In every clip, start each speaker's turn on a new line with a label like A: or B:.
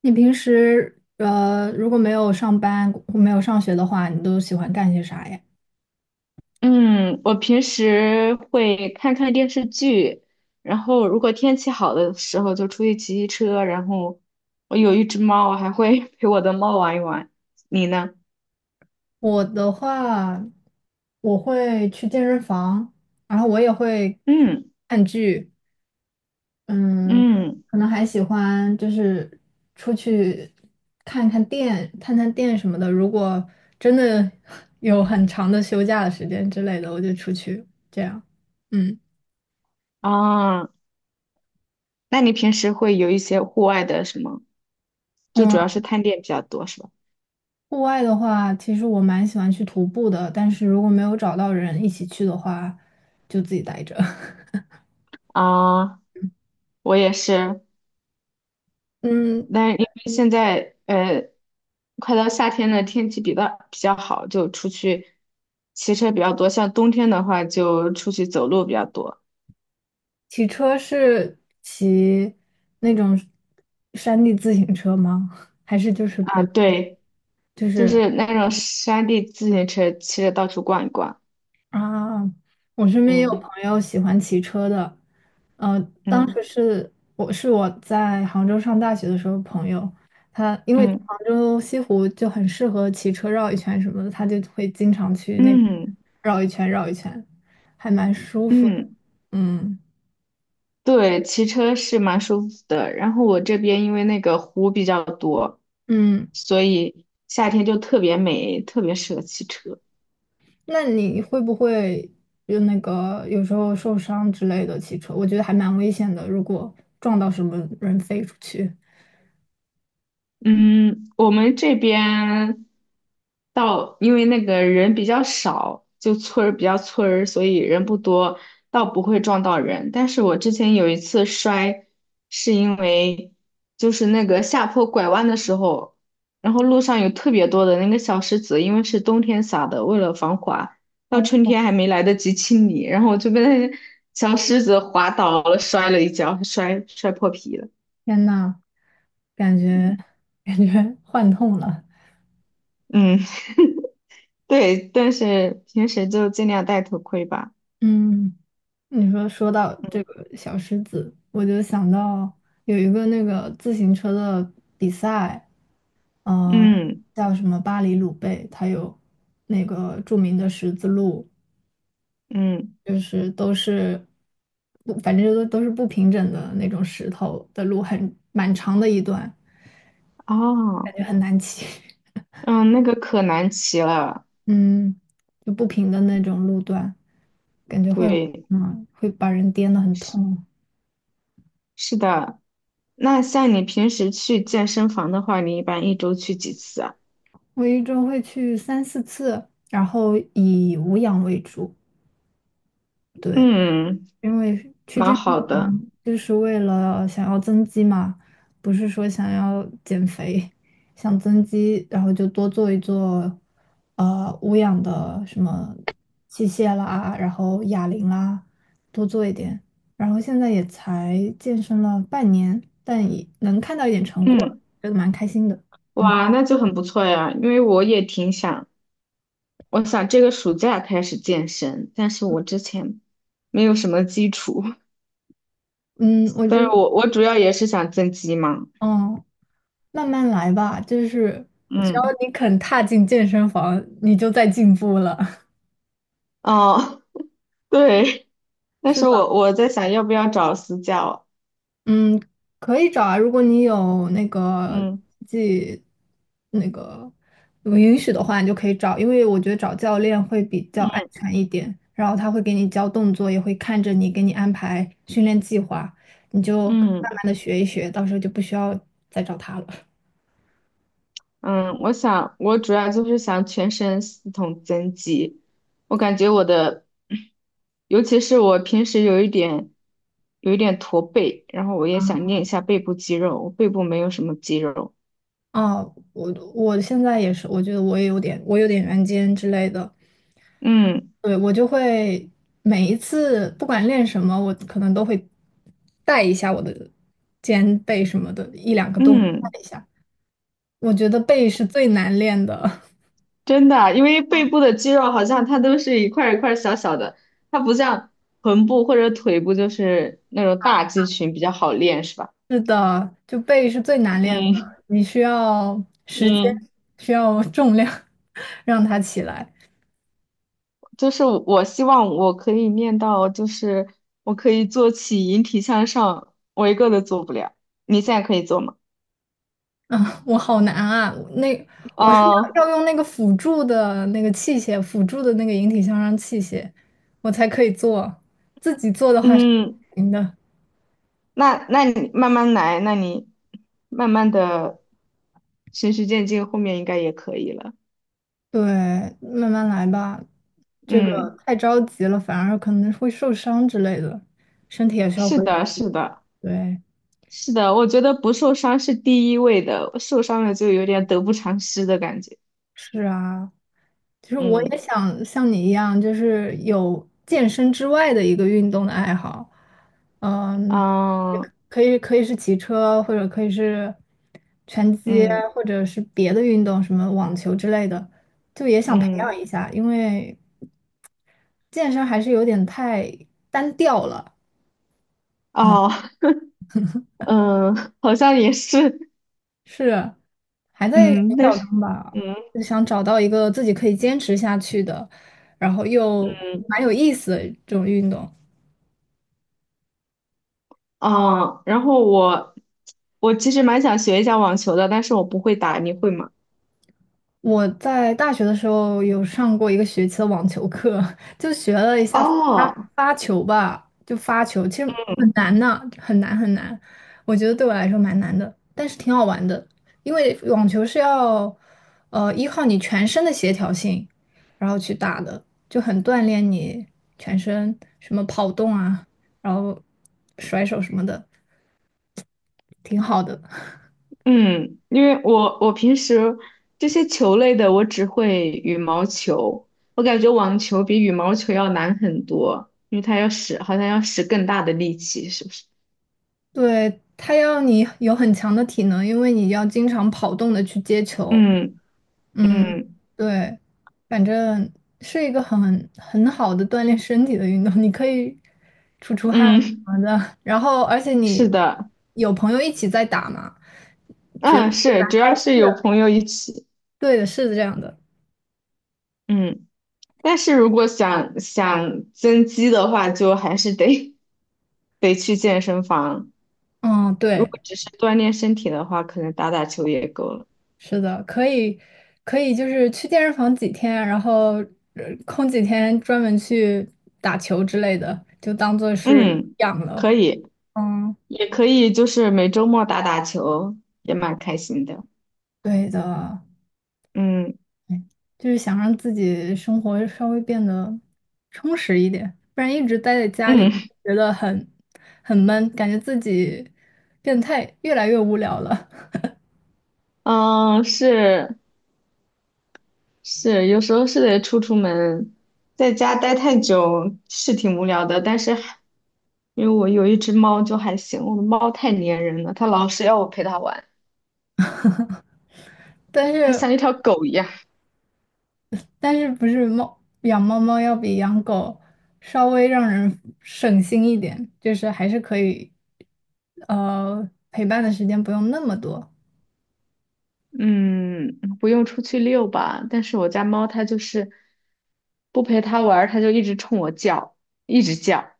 A: 你平时如果没有上班或没有上学的话，你都喜欢干些啥呀？
B: 嗯，我平时会看看电视剧，然后如果天气好的时候就出去骑骑车，然后我有一只猫，我还会 陪我的猫玩一玩。你呢？
A: 我的话，我会去健身房，然后我也会
B: 嗯
A: 看剧，嗯，
B: 嗯
A: 可能还喜欢就是出去看看店、探探店什么的。如果真的 有很长的休假的时间之类的，我就出去这样。嗯。
B: 啊，那你平时会有一些户外的什么？就主要是探店比较多是吧？
A: 户外的话，其实我蛮喜欢去徒步的，但是如果没有找到人一起去的话，就自己待着。
B: 啊，我也是，
A: 嗯，
B: 但是因为现在快到夏天了，天气比较好，就出去骑车比较多。像冬天的话，就出去走路比较多。
A: 骑车是骑那种山地自行车吗？还是就是
B: 啊，
A: 普，
B: 对，
A: 就
B: 就
A: 是？
B: 是那种山地自行车，骑着到处逛一逛。
A: 啊，我身边也有
B: 嗯
A: 朋友喜欢骑车的，呃，当
B: 嗯
A: 时是我在杭州上大学的时候，朋友他因为
B: 嗯
A: 杭州西湖就很适合骑车绕一圈什么的，他就会经常去那边
B: 嗯
A: 绕一圈绕一圈，还蛮舒服的。
B: 嗯，
A: 嗯
B: 对，骑车是蛮舒服的。然后我这边因为那个湖比较多，
A: 嗯，
B: 所以夏天就特别美，特别适合骑车。
A: 那你会不会就那个有时候受伤之类的骑车？我觉得还蛮危险的，如果撞到什么人飞出去。
B: 嗯，我们这边到，因为那个人比较少，就村儿比较村儿，所以人不多，倒不会撞到人。但是我之前有一次摔，是因为就是那个下坡拐弯的时候，然后路上有特别多的那个小石子，因为是冬天撒的，为了防滑，到春天还没来得及清理，然后我就被那小石子滑倒了，摔了一跤，摔破皮了。
A: 天呐，感觉
B: 嗯
A: 感觉 幻痛了。
B: 嗯。对，但是平时就尽量戴头盔吧。
A: 嗯，你说说到这个小狮子，我就想到有一个那个自行车的比赛，呃，
B: 嗯
A: 叫什么巴黎鲁贝，它有那个著名的十字路，
B: 嗯，
A: 就是都是不，反正都是不平整的那种石头的路，很蛮长的一段，感
B: 哦，
A: 觉很难骑，
B: 嗯，那个可难骑了。
A: 嗯，就不平的那种路段。感觉会，
B: 对，
A: 嗯，会把人颠得很痛。
B: 是的。那像你平时去健身房的话，你一般一周去几次啊？
A: 我一周会去三四次，然后以无氧为主，对，
B: 嗯，
A: 因为去
B: 蛮
A: 健
B: 好的。
A: 就是为了想要增肌嘛，不是说想要减肥，想增肌，然后就多做一做，无氧的什么器械啦，然后哑铃啦，多做一点。然后现在也才健身了半年，但也能看到一点成果，
B: 嗯，
A: 觉得蛮开心的。嗯。
B: 哇，那就很不错呀。因为我也挺想，我想这个暑假开始健身，但是我之前没有什么基础。
A: 嗯，我
B: 但
A: 觉
B: 是
A: 得，
B: 我主要也是想增肌嘛。
A: 嗯，慢慢来吧，就是只要
B: 嗯，
A: 你肯踏进健身房，你就在进步了。
B: 哦，对。但
A: 是
B: 是
A: 的，
B: 我在想要不要找私教。
A: 嗯，可以找啊，如果你有那个
B: 嗯
A: 自己那个允许的话，你就可以找，因为我觉得找教练会比较安
B: 嗯
A: 全一点，然后他会给你教动作，也会看着你，给你安排训练计划，你就慢
B: 嗯，
A: 慢的学一学，到时候就不需要再找他了。
B: 嗯，我想我主要就是想全身系统增肌，我感觉我的，尤其是我平时有一点驼背，然后我也想练一下背部肌肉，我背部没有什么肌肉。
A: 啊，我现在也是，我觉得我也有点，我有点圆肩之类的。
B: 嗯
A: 对，我就会每一次不管练什么，我可能都会带一下我的肩背什么的，一两个动作
B: 嗯，
A: 带一下。我觉得背是最难练的，
B: 真的，因为背部的肌肉好像它都是一块儿一块儿小小的，它不像臀部或者腿部就是那种大肌群比较好练，是吧？
A: 是的，就背是最难练的，
B: 嗯
A: 你需要时间，
B: 嗯。
A: 需要重量 让它起来。
B: 就是我希望我可以念到，就是我可以做起引体向上，我一个都做不了。你现在可以做吗？
A: 啊，我好难啊！那我是
B: 哦，
A: 要用那个辅助的那个器械，辅助的那个引体向上器械，我才可以做。自己做的话是
B: 嗯，
A: 不行的。
B: 那你慢慢来，那你慢慢的循序渐进，后面应该也可以了。
A: 对，慢慢来吧，这个
B: 嗯，
A: 太着急了，反而可能会受伤之类的，身体也需要
B: 是
A: 恢复。
B: 的，是的，
A: 对，
B: 是的，我觉得不受伤是第一位的，受伤了就有点得不偿失的感觉。
A: 是啊，其实我也
B: 嗯，
A: 想像你一样，就是有健身之外的一个运动的爱好，嗯，也
B: 啊，
A: 可以是骑车，或者可以是拳击，
B: 嗯，
A: 或者是别的运动，什么网球之类的，就也想培养
B: 嗯，
A: 一下，因为健身还是有点太单调了，
B: 哦，嗯，好像也是。
A: 是还在寻
B: 嗯，但
A: 找
B: 是，
A: 中吧，
B: 嗯
A: 就想找到一个自己可以坚持下去的，然后又蛮
B: 嗯
A: 有意思的这种运动。
B: 啊，然后我其实蛮想学一下网球的，但是我不会打，你会吗？
A: 我在大学的时候有上过一个学期的网球课，就学了一下发
B: 哦，
A: 发球吧，就发球，其实很
B: 嗯
A: 难呢，很难。我觉得对我来说蛮难的，但是挺好玩的，因为网球是要依靠你全身的协调性，然后去打的，就很锻炼你全身什么跑动啊，然后甩手什么的，挺好的。
B: 嗯，因为我平时这些球类的，我只会羽毛球，我感觉网球比羽毛球要难很多，因为它要使好像要使更大的力气，是不是？
A: 对，他要你有很强的体能，因为你要经常跑动的去接球。
B: 嗯
A: 嗯，
B: 嗯
A: 对，反正是一个很好的锻炼身体的运动，你可以出出汗什
B: 嗯，
A: 么的。然后，而且
B: 是
A: 你
B: 的，
A: 有朋友一起在打嘛？
B: 嗯是，主要是有朋友一起。
A: 对的，是这样的。
B: 嗯。但是如果想增肌的话，就还是得去健身房。
A: 嗯，
B: 如
A: 对，
B: 果只是锻炼身体的话，可能打打球也够了。
A: 是的，可以可以，就是去健身房几天，然后空几天专门去打球之类的，就当做是
B: 嗯，
A: 养了。
B: 可以，
A: 嗯，
B: 也可以，就是每周末打打球，也蛮开心的。
A: 对的。
B: 嗯
A: 就是想让自己生活稍微变得充实一点，不然一直待在家里，
B: 嗯
A: 觉得很闷，感觉自己变态，越来越无聊了。
B: 嗯，是是，有时候是得出门，在家待太久是挺无聊的，但是还因为我有一只猫就还行，我的猫太粘人了，它老是要我陪它玩。
A: 但
B: 它
A: 是
B: 像一条狗一样。
A: 但是不是猫养猫猫要比养狗稍微让人省心一点，就是还是可以，陪伴的时间不用那么多
B: 嗯，不用出去遛吧，但是我家猫它就是不陪它玩儿，它就一直冲我叫，一直叫。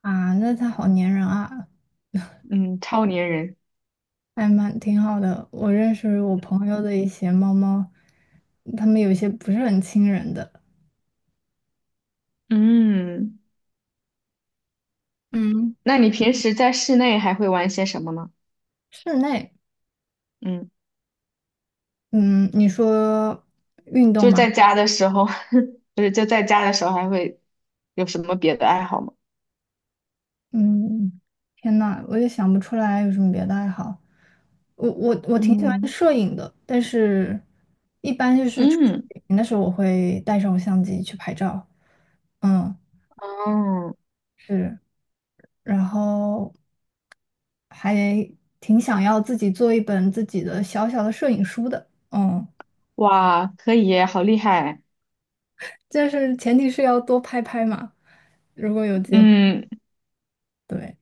A: 啊。那它好粘人啊。
B: 嗯，超粘人。
A: 还蛮挺好的。我认识我朋友的一些猫猫，它们有一些不是很亲人的。
B: 嗯，
A: 嗯，
B: 那你平时在室内还会玩些什么呢？
A: 室内，
B: 嗯，
A: 嗯，你说运动
B: 就是
A: 吗？
B: 在家的时候，不是就在家的时候还会有什么别的爱好吗？
A: 嗯，天呐，我也想不出来有什么别的爱好。我挺喜欢
B: 嗯
A: 摄影的，但是一般就是出去
B: 嗯
A: 旅行的时候，我会带上我相机去拍照。嗯，
B: 嗯，
A: 是。然后还挺想要自己做一本自己的小小的摄影书的，嗯，
B: 哇，可以耶好厉害，
A: 但是前提是要多拍拍嘛，如果有机会，
B: 嗯，
A: 对，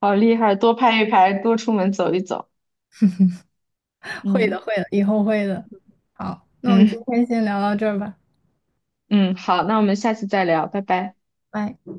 B: 好厉害，多拍一拍，多出门走一走。
A: 会的，
B: 嗯
A: 会的，以后会的。好，那我们今
B: 嗯。
A: 天先聊到这儿吧，
B: 嗯，好，那我们下次再聊，拜拜。
A: 拜。